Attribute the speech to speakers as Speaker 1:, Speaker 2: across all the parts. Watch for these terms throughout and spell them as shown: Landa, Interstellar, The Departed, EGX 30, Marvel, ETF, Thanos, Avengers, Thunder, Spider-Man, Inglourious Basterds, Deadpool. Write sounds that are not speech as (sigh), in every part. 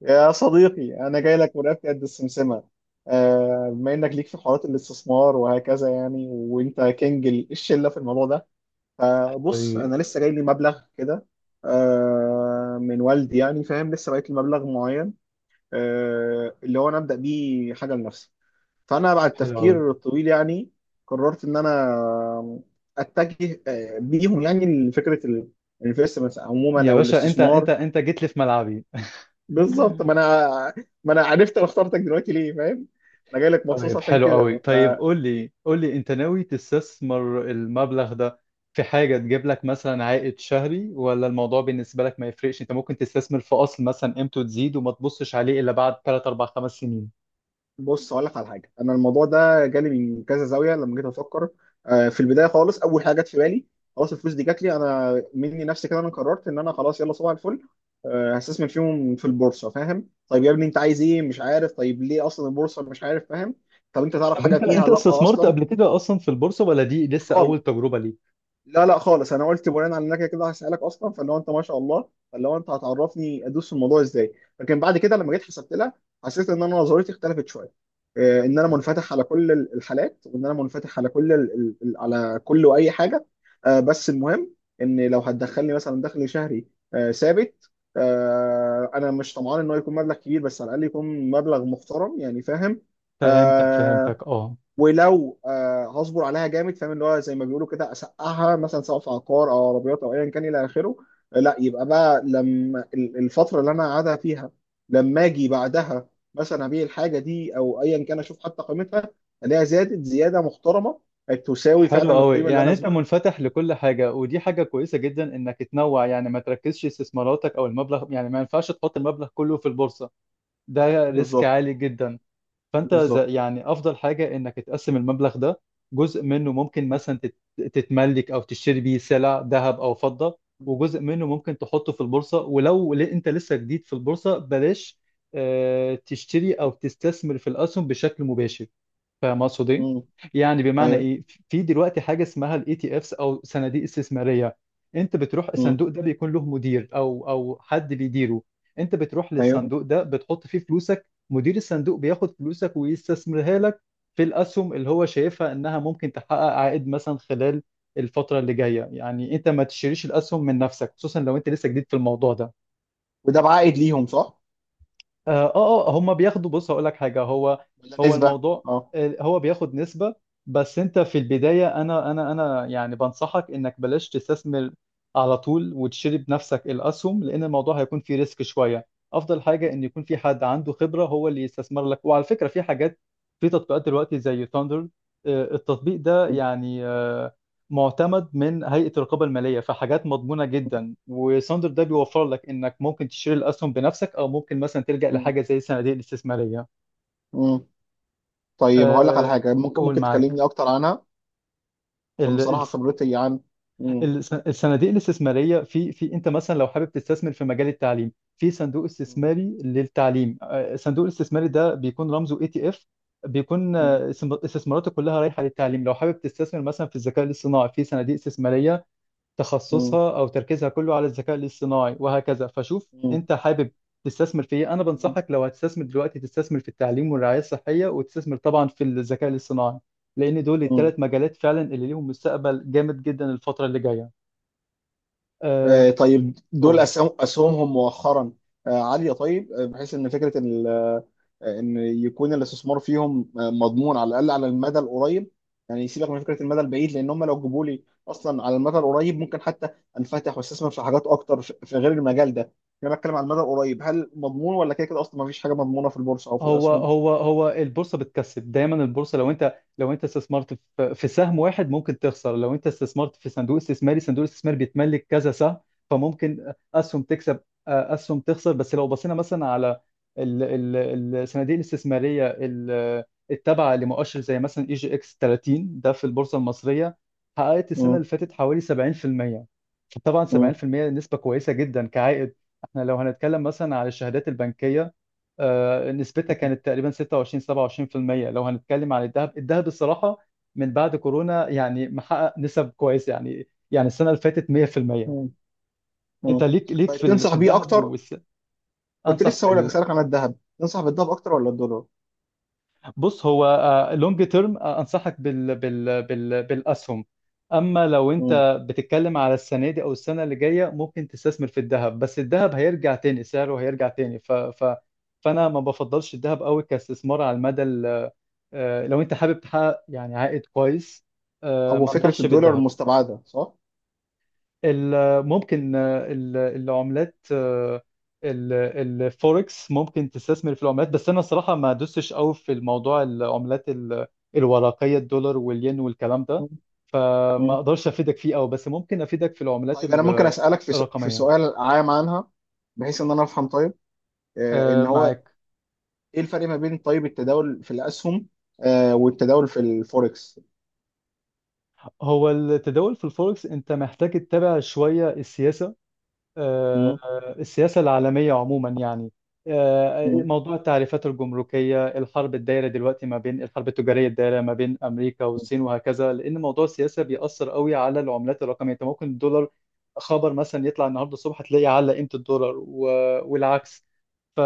Speaker 1: يا صديقي، أنا جاي لك من رقبتي قد السمسمة. بما إنك ليك في حوارات الاستثمار وهكذا يعني، وأنت كينج الشلة في الموضوع ده. فبص،
Speaker 2: حبيبي.
Speaker 1: أنا لسه جاي لي مبلغ كده، من والدي، يعني فاهم، لسه بقيت لي مبلغ معين، اللي هو أنا أبدأ بيه حاجة لنفسي. فأنا بعد
Speaker 2: حلو قوي.
Speaker 1: التفكير الطويل يعني، قررت إن أنا أتجه بيهم يعني لفكرة الانفستمنت عموما
Speaker 2: يا
Speaker 1: أو
Speaker 2: باشا، انت انت
Speaker 1: الاستثمار.
Speaker 2: انت جيت لي في ملعبي. (laughs)
Speaker 1: بالظبط، ما انا عرفت انا اخترتك دلوقتي ليه، فاهم. انا جاي لك مخصوص
Speaker 2: طيب،
Speaker 1: عشان
Speaker 2: حلو قوي.
Speaker 1: كده.
Speaker 2: طيب، قول لي قول لي، انت ناوي تستثمر المبلغ ده في حاجة تجيب لك مثلا عائد شهري، ولا الموضوع بالنسبة لك ما يفرقش؟ انت ممكن تستثمر في اصل مثلا قيمته تزيد وما تبصش عليه الا بعد 3 4 5 سنين.
Speaker 1: فبص اقول لك على حاجه، انا الموضوع ده جالي من كذا زاويه لما جيت افكر. في البدايه خالص، اول حاجه جت في بالي، خلاص، الفلوس دي جات لي انا مني نفسي كده، انا قررت ان انا خلاص، يلا صباح الفل، هستثمر فيهم في البورصه. فاهم، طيب يا ابني انت عايز ايه؟ مش عارف. طيب ليه اصلا البورصه؟ مش عارف، فاهم. طب انت تعرف
Speaker 2: طب
Speaker 1: حاجه
Speaker 2: انت
Speaker 1: فيها؟ لا
Speaker 2: استثمرت
Speaker 1: اصلا.
Speaker 2: قبل كده اصلا في البورصة، ولا دي لسه اول تجربة ليك؟
Speaker 1: لا لا خالص. انا قلت بناء على انك كده كده هسالك اصلا، فاللي هو انت، ما شاء الله، فاللي هو انت هتعرفني ادوس في الموضوع ازاي. لكن بعد كده لما جيت حسبت لها، حسيت ان انا نظريتي اختلفت شويه. ان انا منفتح على كل الحالات، وان انا منفتح على كل على كل واي حاجه. بس المهم، ان لو هتدخلني مثلا دخل شهري ثابت، انا مش طمعان ان هو يكون مبلغ كبير، بس على الاقل يكون مبلغ محترم، يعني فاهم.
Speaker 2: فهمتك
Speaker 1: آه،
Speaker 2: فهمتك. اه،
Speaker 1: ولو هصبر عليها جامد، فاهم، اللي هو زي ما بيقولوا كده اسقعها، مثلا سواء في عقار او عربيات او ايا كان الى اخره. لا، يبقى بقى لما الفتره اللي انا قاعدها فيها، لما اجي بعدها مثلا ابيع الحاجه دي او ايا كان، اشوف حتى قيمتها، الاقيها زادت زياده محترمه، تساوي فعلا
Speaker 2: حلو قوي.
Speaker 1: القيمه اللي
Speaker 2: يعني
Speaker 1: انا
Speaker 2: انت منفتح لكل حاجه، ودي حاجه كويسه جدا انك تنوع، يعني ما تركزش استثماراتك او المبلغ. يعني ما ينفعش تحط المبلغ كله في البورصه، ده ريسك
Speaker 1: بالظبط.
Speaker 2: عالي جدا. فانت
Speaker 1: بالظبط.
Speaker 2: يعني افضل حاجه انك تقسم المبلغ ده. جزء منه ممكن مثلا تتملك او تشتري بيه سلع، ذهب او فضه. وجزء منه ممكن تحطه في البورصه. ولو انت لسه جديد في البورصه، بلاش تشتري او تستثمر في الاسهم بشكل مباشر. فاهم اقصد ايه؟
Speaker 1: مم.
Speaker 2: يعني بمعنى
Speaker 1: ايوه.
Speaker 2: ايه؟ في دلوقتي حاجه اسمها الاي تي افس او صناديق استثماريه. انت بتروح
Speaker 1: مم.
Speaker 2: الصندوق ده، بيكون له مدير او حد بيديره. انت بتروح
Speaker 1: ايوه.
Speaker 2: للصندوق ده بتحط فيه فلوسك، مدير الصندوق بياخد فلوسك ويستثمرها لك في الاسهم اللي هو شايفها انها ممكن تحقق عائد مثلا خلال الفتره اللي جايه. يعني انت ما تشتريش الاسهم من نفسك، خصوصا لو انت لسه جديد في الموضوع ده.
Speaker 1: وده بعائد ليهم صح؟
Speaker 2: اه اه، هم بياخدوا. بص هقول لك حاجه. هو
Speaker 1: ولا
Speaker 2: هو
Speaker 1: نسبه؟
Speaker 2: الموضوع،
Speaker 1: اه.
Speaker 2: هو بياخد نسبه. بس انت في البدايه، انا يعني بنصحك انك بلاش تستثمر على طول وتشتري بنفسك الاسهم، لان الموضوع هيكون فيه ريسك شويه. افضل حاجه ان يكون في حد عنده خبره هو اللي يستثمر لك. وعلى فكره، في حاجات، في تطبيقات دلوقتي زي ثاندر. التطبيق ده
Speaker 1: مم.
Speaker 2: يعني معتمد من هيئة الرقابة المالية، فحاجات مضمونة
Speaker 1: مم.
Speaker 2: جدا. وساندر ده بيوفر لك انك ممكن تشتري الاسهم بنفسك، او ممكن مثلا تلجأ
Speaker 1: مم.
Speaker 2: لحاجة زي الصناديق الاستثمارية.
Speaker 1: مم. طيب هقول لك على
Speaker 2: أه،
Speaker 1: حاجة ممكن،
Speaker 2: قول معاك.
Speaker 1: تكلمني أكتر عنها. عشان
Speaker 2: ال-
Speaker 1: بصراحة
Speaker 2: الس-
Speaker 1: خبرتي عن. مم.
Speaker 2: الصناديق الاستثمارية، في انت مثلا لو حابب تستثمر في مجال التعليم، في صندوق
Speaker 1: مم.
Speaker 2: استثماري للتعليم. الصندوق الاستثماري ده بيكون رمزه اي تي اف. بيكون
Speaker 1: مم.
Speaker 2: استثماراته كلها رايحة للتعليم. لو حابب تستثمر مثلا في الذكاء الاصطناعي، في صناديق استثمارية
Speaker 1: مم.
Speaker 2: تخصصها او تركيزها كله على الذكاء الاصطناعي وهكذا. فشوف انت حابب تستثمر في ايه. انا
Speaker 1: مم.
Speaker 2: بنصحك لو هتستثمر دلوقتي، تستثمر في التعليم والرعايه الصحيه، وتستثمر طبعا في الذكاء الاصطناعي، لان دول
Speaker 1: مم.
Speaker 2: الثلاث مجالات فعلا اللي ليهم مستقبل جامد جدا الفتره اللي جايه. أه،
Speaker 1: آه، طيب دول
Speaker 2: قول.
Speaker 1: أسهمهم مؤخرا عالية. طيب، بحيث إن فكرة إن إن يكون الاستثمار فيهم مضمون على الأقل على المدى القريب. يعني سيبك من فكرة المدى البعيد، لأن هم لو جابوا لي أصلا على المدى القريب، ممكن حتى أنفتح وأستثمر في حاجات أكتر في غير المجال ده يعني. أنا بتكلم على المدى القريب، هل مضمون؟ ولا كده كده أصلا ما فيش حاجة مضمونة في البورصة أو في
Speaker 2: هو
Speaker 1: الأسهم؟
Speaker 2: هو هو البورصه بتكسب دايما. البورصه، لو انت لو انت استثمرت في في سهم واحد ممكن تخسر. لو انت استثمرت في صندوق استثماري، صندوق الاستثمار بيتملك كذا سهم، فممكن اسهم تكسب اسهم تخسر. بس لو بصينا مثلا على ال- الصناديق الاستثماريه التابعه لمؤشر زي مثلا اي جي اكس 30 ده في البورصه المصريه، حققت السنه اللي فاتت حوالي 70%. طبعا
Speaker 1: مم.
Speaker 2: 70% نسبه كويسه جدا كعائد. احنا لو هنتكلم مثلا على الشهادات البنكيه، نسبتها كانت تقريبا 26 27%. لو هنتكلم عن الذهب، الذهب الصراحة من بعد كورونا يعني محقق نسب كويسة، يعني يعني السنة اللي فاتت 100%.
Speaker 1: مم. مم.
Speaker 2: انت ليك
Speaker 1: طيب
Speaker 2: في
Speaker 1: تنصح
Speaker 2: في
Speaker 1: بيه
Speaker 2: الذهب
Speaker 1: اكتر؟ كنت
Speaker 2: انصح
Speaker 1: لسه هقول لك اسالك عن الذهب. تنصح بالذهب اكتر ولا الدولار؟
Speaker 2: بص هو، لونج تيرم انصحك بالاسهم. اما لو
Speaker 1: مم.
Speaker 2: انت بتتكلم على السنة دي او السنة اللي جاية، ممكن تستثمر في الذهب. بس الذهب هيرجع تاني، سعره هيرجع تاني. فانا ما بفضلش الذهب قوي كاستثمار على المدى. لو انت حابب تحقق يعني عائد كويس،
Speaker 1: طب
Speaker 2: ما
Speaker 1: وفكره
Speaker 2: انصحش
Speaker 1: الدولار
Speaker 2: بالذهب.
Speaker 1: مستبعده صح؟
Speaker 2: ممكن العملات، ال- الفوركس. ممكن تستثمر في العملات. بس انا الصراحه ما دوستش قوي في الموضوع. العملات الورقيه، الدولار والين والكلام ده،
Speaker 1: مم.
Speaker 2: فما
Speaker 1: مم.
Speaker 2: اقدرش افيدك فيه قوي. بس ممكن افيدك في العملات
Speaker 1: طيب انا ممكن اسالك في في
Speaker 2: الرقميه.
Speaker 1: سؤال عام عنها، بحيث ان انا افهم. طيب، ان هو
Speaker 2: معاك.
Speaker 1: ايه الفرق ما بين، طيب، التداول في الاسهم والتداول في الفوركس؟
Speaker 2: هو التداول في الفوركس انت محتاج تتابع شويه السياسه، آه،
Speaker 1: مم.
Speaker 2: السياسة العالمية عموما يعني.
Speaker 1: مم.
Speaker 2: موضوع التعريفات الجمركية، الحرب الدايرة دلوقتي ما بين، الحرب التجارية الدايرة ما بين أمريكا والصين، وهكذا. لأن موضوع السياسة
Speaker 1: مم.
Speaker 2: بيأثر قوي على العملات الرقمية. أنت ممكن الدولار خبر مثلا يطلع النهاردة الصبح تلاقي على قيمة الدولار، والعكس. ف...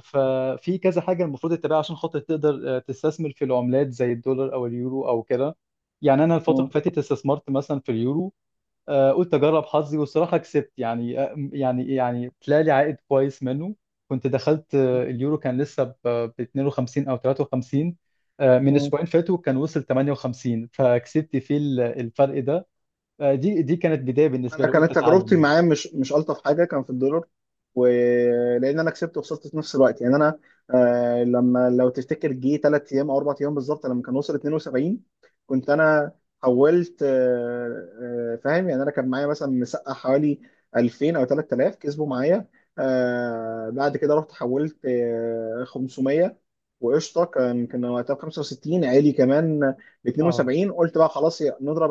Speaker 2: ففي كذا حاجة المفروض تتبعها عشان خاطر تقدر تستثمر في العملات زي الدولار أو اليورو أو كده. يعني أنا الفترة اللي
Speaker 1: مم.
Speaker 2: فاتت استثمرت مثلا في اليورو. قلت اجرب حظي. والصراحه كسبت، يعني يعني يعني طلع لي عائد كويس منه. كنت دخلت اليورو كان لسه ب 52 او 53. من
Speaker 1: مم.
Speaker 2: اسبوعين فاتوا كان وصل 58، فكسبت فيه الفرق ده. دي كانت بدايه بالنسبه
Speaker 1: انا
Speaker 2: لي، قلت
Speaker 1: كانت
Speaker 2: اتعلم
Speaker 1: تجربتي
Speaker 2: يعني.
Speaker 1: معاه، مش الطف حاجه، كان في الدولار، ولان انا كسبت وخسرت في نفس الوقت. يعني انا لما، لو تفتكر، جه ثلاث ايام او اربع ايام بالظبط، لما كان وصل 72، كنت انا حولت. فاهم، يعني انا كان معايا مثلا مسقى حوالي 2000 او 3000 كسبوا معايا. بعد كده رحت حولت 500. وقشطه، كان وقتها ب 65، عالي كمان، ل
Speaker 2: اه
Speaker 1: 72. قلت بقى خلاص نضرب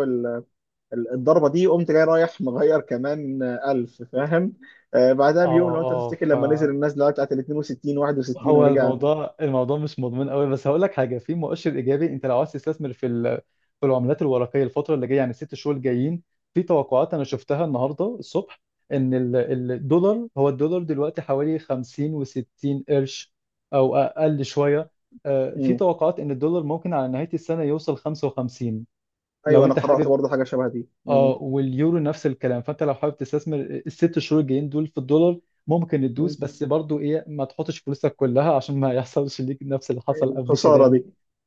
Speaker 1: الضربه دي. قمت جاي رايح مغير كمان 1000، فاهم. بعدها بيوم، لو انت
Speaker 2: اه
Speaker 1: تفتكر، لما نزل
Speaker 2: اه،
Speaker 1: النازله بتاعت ال 62 61
Speaker 2: هو
Speaker 1: ورجع.
Speaker 2: الموضوع، الموضوع مش مضمون قوي. بس هقول لك حاجه، في مؤشر ايجابي. انت لو عايز تستثمر في في العملات الورقيه الفتره اللي جايه، يعني ال 6 شهور الجايين، في توقعات انا شفتها النهارده الصبح ان الدولار، هو الدولار دلوقتي حوالي 50 و60 قرش او اقل شويه. في
Speaker 1: مم.
Speaker 2: توقعات ان الدولار ممكن على نهايه السنه يوصل 55. لو
Speaker 1: ايوه، انا
Speaker 2: انت
Speaker 1: قرات
Speaker 2: حابب.
Speaker 1: برضه حاجه شبه دي. مم.
Speaker 2: اه، واليورو نفس الكلام. فانت لو حابب تستثمر ال 6 شهور الجايين دول في الدولار ممكن
Speaker 1: مم.
Speaker 2: تدوس. بس برضو ايه، ما تحطش فلوسك كلها عشان ما يحصلش ليك نفس اللي حصل قبل كده
Speaker 1: الخساره
Speaker 2: يعني.
Speaker 1: دي.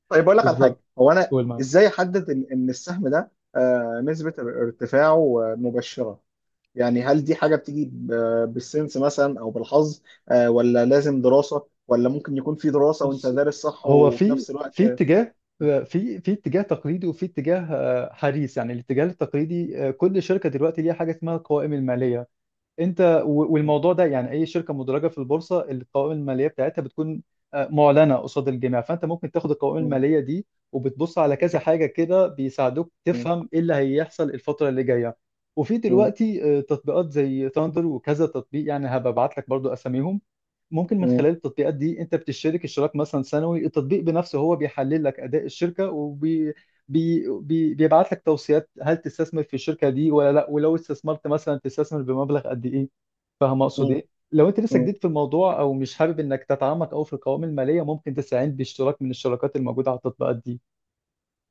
Speaker 1: طيب اقول لك على حاجه،
Speaker 2: بالظبط.
Speaker 1: هو انا
Speaker 2: قول معاك.
Speaker 1: ازاي احدد ان السهم ده نسبه ارتفاعه مبشره؟ يعني هل دي حاجه بتيجي بالسنس مثلا او بالحظ، ولا لازم دراسه؟ ولا ممكن يكون في دراسه وانت
Speaker 2: بص
Speaker 1: دارس صح
Speaker 2: هو،
Speaker 1: وفي
Speaker 2: في
Speaker 1: نفس الوقت؟
Speaker 2: في اتجاه، في اتجاه تقليدي، وفي اتجاه حديث يعني. الاتجاه التقليدي، كل شركه دلوقتي ليها حاجه اسمها القوائم الماليه. انت والموضوع ده يعني، اي شركه مدرجه في البورصه القوائم الماليه بتاعتها بتكون معلنه قصاد الجميع. فانت ممكن تاخد القوائم
Speaker 1: مم.
Speaker 2: الماليه دي وبتبص على كذا
Speaker 1: مم.
Speaker 2: حاجه كده بيساعدوك تفهم ايه اللي هيحصل الفتره اللي جايه. وفي
Speaker 1: مم.
Speaker 2: دلوقتي تطبيقات زي ثاندر وكذا تطبيق يعني، هبعت لك برضو اساميهم. ممكن من
Speaker 1: مم.
Speaker 2: خلال التطبيقات دي انت بتشترك اشتراك مثلا سنوي، التطبيق بنفسه هو بيحلل لك اداء الشركه، بي بي بيبعت لك توصيات هل تستثمر في الشركه دي ولا لا، ولو استثمرت مثلا تستثمر بمبلغ قد ايه. فاهم اقصد
Speaker 1: مم.
Speaker 2: ايه؟ لو انت لسه
Speaker 1: مم.
Speaker 2: جديد في الموضوع، او مش حابب انك تتعمق او في القوائم الماليه، ممكن تستعين باشتراك من الشراكات الموجوده على التطبيقات دي.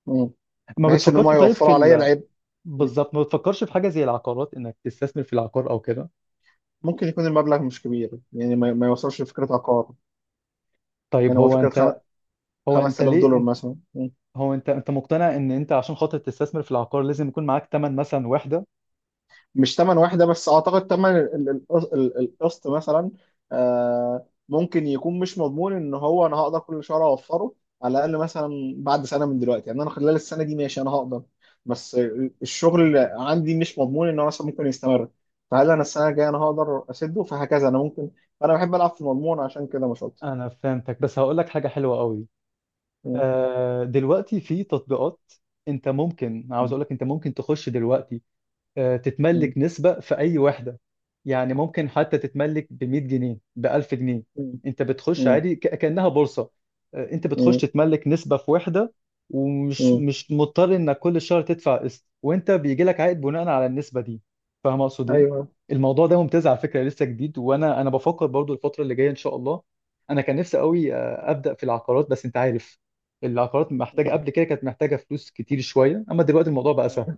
Speaker 1: مم.
Speaker 2: ما
Speaker 1: بحيث ان هم
Speaker 2: بتفكرش طيب في
Speaker 1: يوفروا عليا العيب.
Speaker 2: بالظبط. ما بتفكرش في حاجه زي العقارات انك تستثمر في العقار او كده؟
Speaker 1: ممكن يكون المبلغ مش كبير يعني، ما يوصلش لفكره عقار.
Speaker 2: طيب،
Speaker 1: يعني هو فكره
Speaker 2: هو انت
Speaker 1: 5000
Speaker 2: ليه
Speaker 1: دولار
Speaker 2: انت
Speaker 1: مثلا.
Speaker 2: هو انت مقتنع ان انت عشان خاطر تستثمر في العقار لازم يكون معاك ثمن مثلا وحده؟
Speaker 1: مش تمن واحدة بس، أعتقد تمن القسط مثلا، ممكن يكون مش مضمون إن هو أنا هقدر كل شهر أوفره على الأقل. مثلا بعد سنة من دلوقتي، يعني أنا خلال السنة دي ماشي، أنا هقدر. بس الشغل اللي عندي مش مضمون إن هو مثلا ممكن يستمر. فهل أنا السنة الجاية أنا هقدر أسده؟ فهكذا أنا ممكن. فأنا بحب ألعب في المضمون، عشان كده مش أكتر.
Speaker 2: انا فهمتك. بس هقول لك حاجه حلوه قوي.
Speaker 1: م-.
Speaker 2: دلوقتي في تطبيقات، انت ممكن عاوز
Speaker 1: م-.
Speaker 2: اقول لك، انت ممكن تخش دلوقتي
Speaker 1: م-.
Speaker 2: تتملك نسبة في أي وحدة. يعني ممكن حتى تتملك ب 100 جنيه، ب 1000 جنيه.
Speaker 1: م-.
Speaker 2: أنت بتخش
Speaker 1: م-.
Speaker 2: عادي كأنها بورصة. أنت بتخش
Speaker 1: م-.
Speaker 2: تتملك نسبة في وحدة، ومش
Speaker 1: م-.
Speaker 2: مش مضطر إنك كل شهر تدفع قسط، وأنت بيجي لك عائد بناء على النسبة دي. فاهم أقصد إيه؟
Speaker 1: أيوه.
Speaker 2: الموضوع ده ممتاز على فكرة، لسه جديد. وأنا بفكر برضو الفترة اللي جاية إن شاء الله. أنا كان نفسي قوي أبدأ في العقارات. بس أنت عارف، العقارات محتاجة، قبل كده كانت محتاجة فلوس كتير شوية، أما دلوقتي الموضوع بقى سهل.
Speaker 1: م-.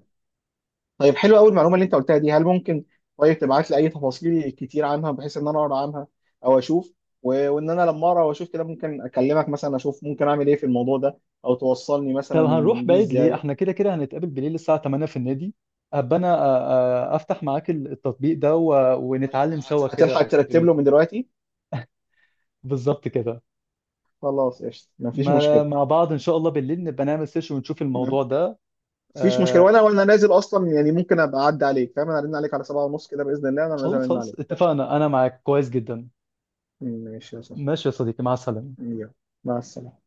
Speaker 1: طيب حلو قوي. المعلومه اللي انت قلتها دي، هل ممكن، طيب، تبعت لي اي تفاصيل كتير عنها، بحيث ان انا اقرا عنها او اشوف، وان انا لما اقرا واشوف كده ممكن اكلمك مثلا، اشوف ممكن اعمل ايه في الموضوع ده، او توصلني
Speaker 2: طب
Speaker 1: مثلا
Speaker 2: هنروح
Speaker 1: بيه
Speaker 2: بعيد ليه؟
Speaker 1: ازاي؟
Speaker 2: احنا كده كده هنتقابل بالليل الساعة 8 في النادي. ابقى انا افتح معاك التطبيق ده،
Speaker 1: طيب
Speaker 2: ونتعلم سوا
Speaker 1: هتلحق
Speaker 2: كده
Speaker 1: ترتب
Speaker 2: دنيته.
Speaker 1: له من دلوقتي؟
Speaker 2: بالظبط كده.
Speaker 1: خلاص قشطه، مفيش
Speaker 2: ما...
Speaker 1: مشكله.
Speaker 2: مع بعض ان شاء الله بالليل نبقى نعمل سيشن ونشوف الموضوع ده.
Speaker 1: مفيش مشكله،
Speaker 2: آه...
Speaker 1: وانا نازل اصلا، يعني ممكن ابقى اعدي عليك، فاهم. انا ارن عليك على 7:30 كده باذن الله، انا نازل
Speaker 2: خلاص
Speaker 1: ارن
Speaker 2: خلاص،
Speaker 1: عليك.
Speaker 2: اتفقنا. انا معاك كويس جدا.
Speaker 1: ماشي يا صاحبي.
Speaker 2: ماشي يا صديقي، مع السلامة.
Speaker 1: يلا. مع السلامه.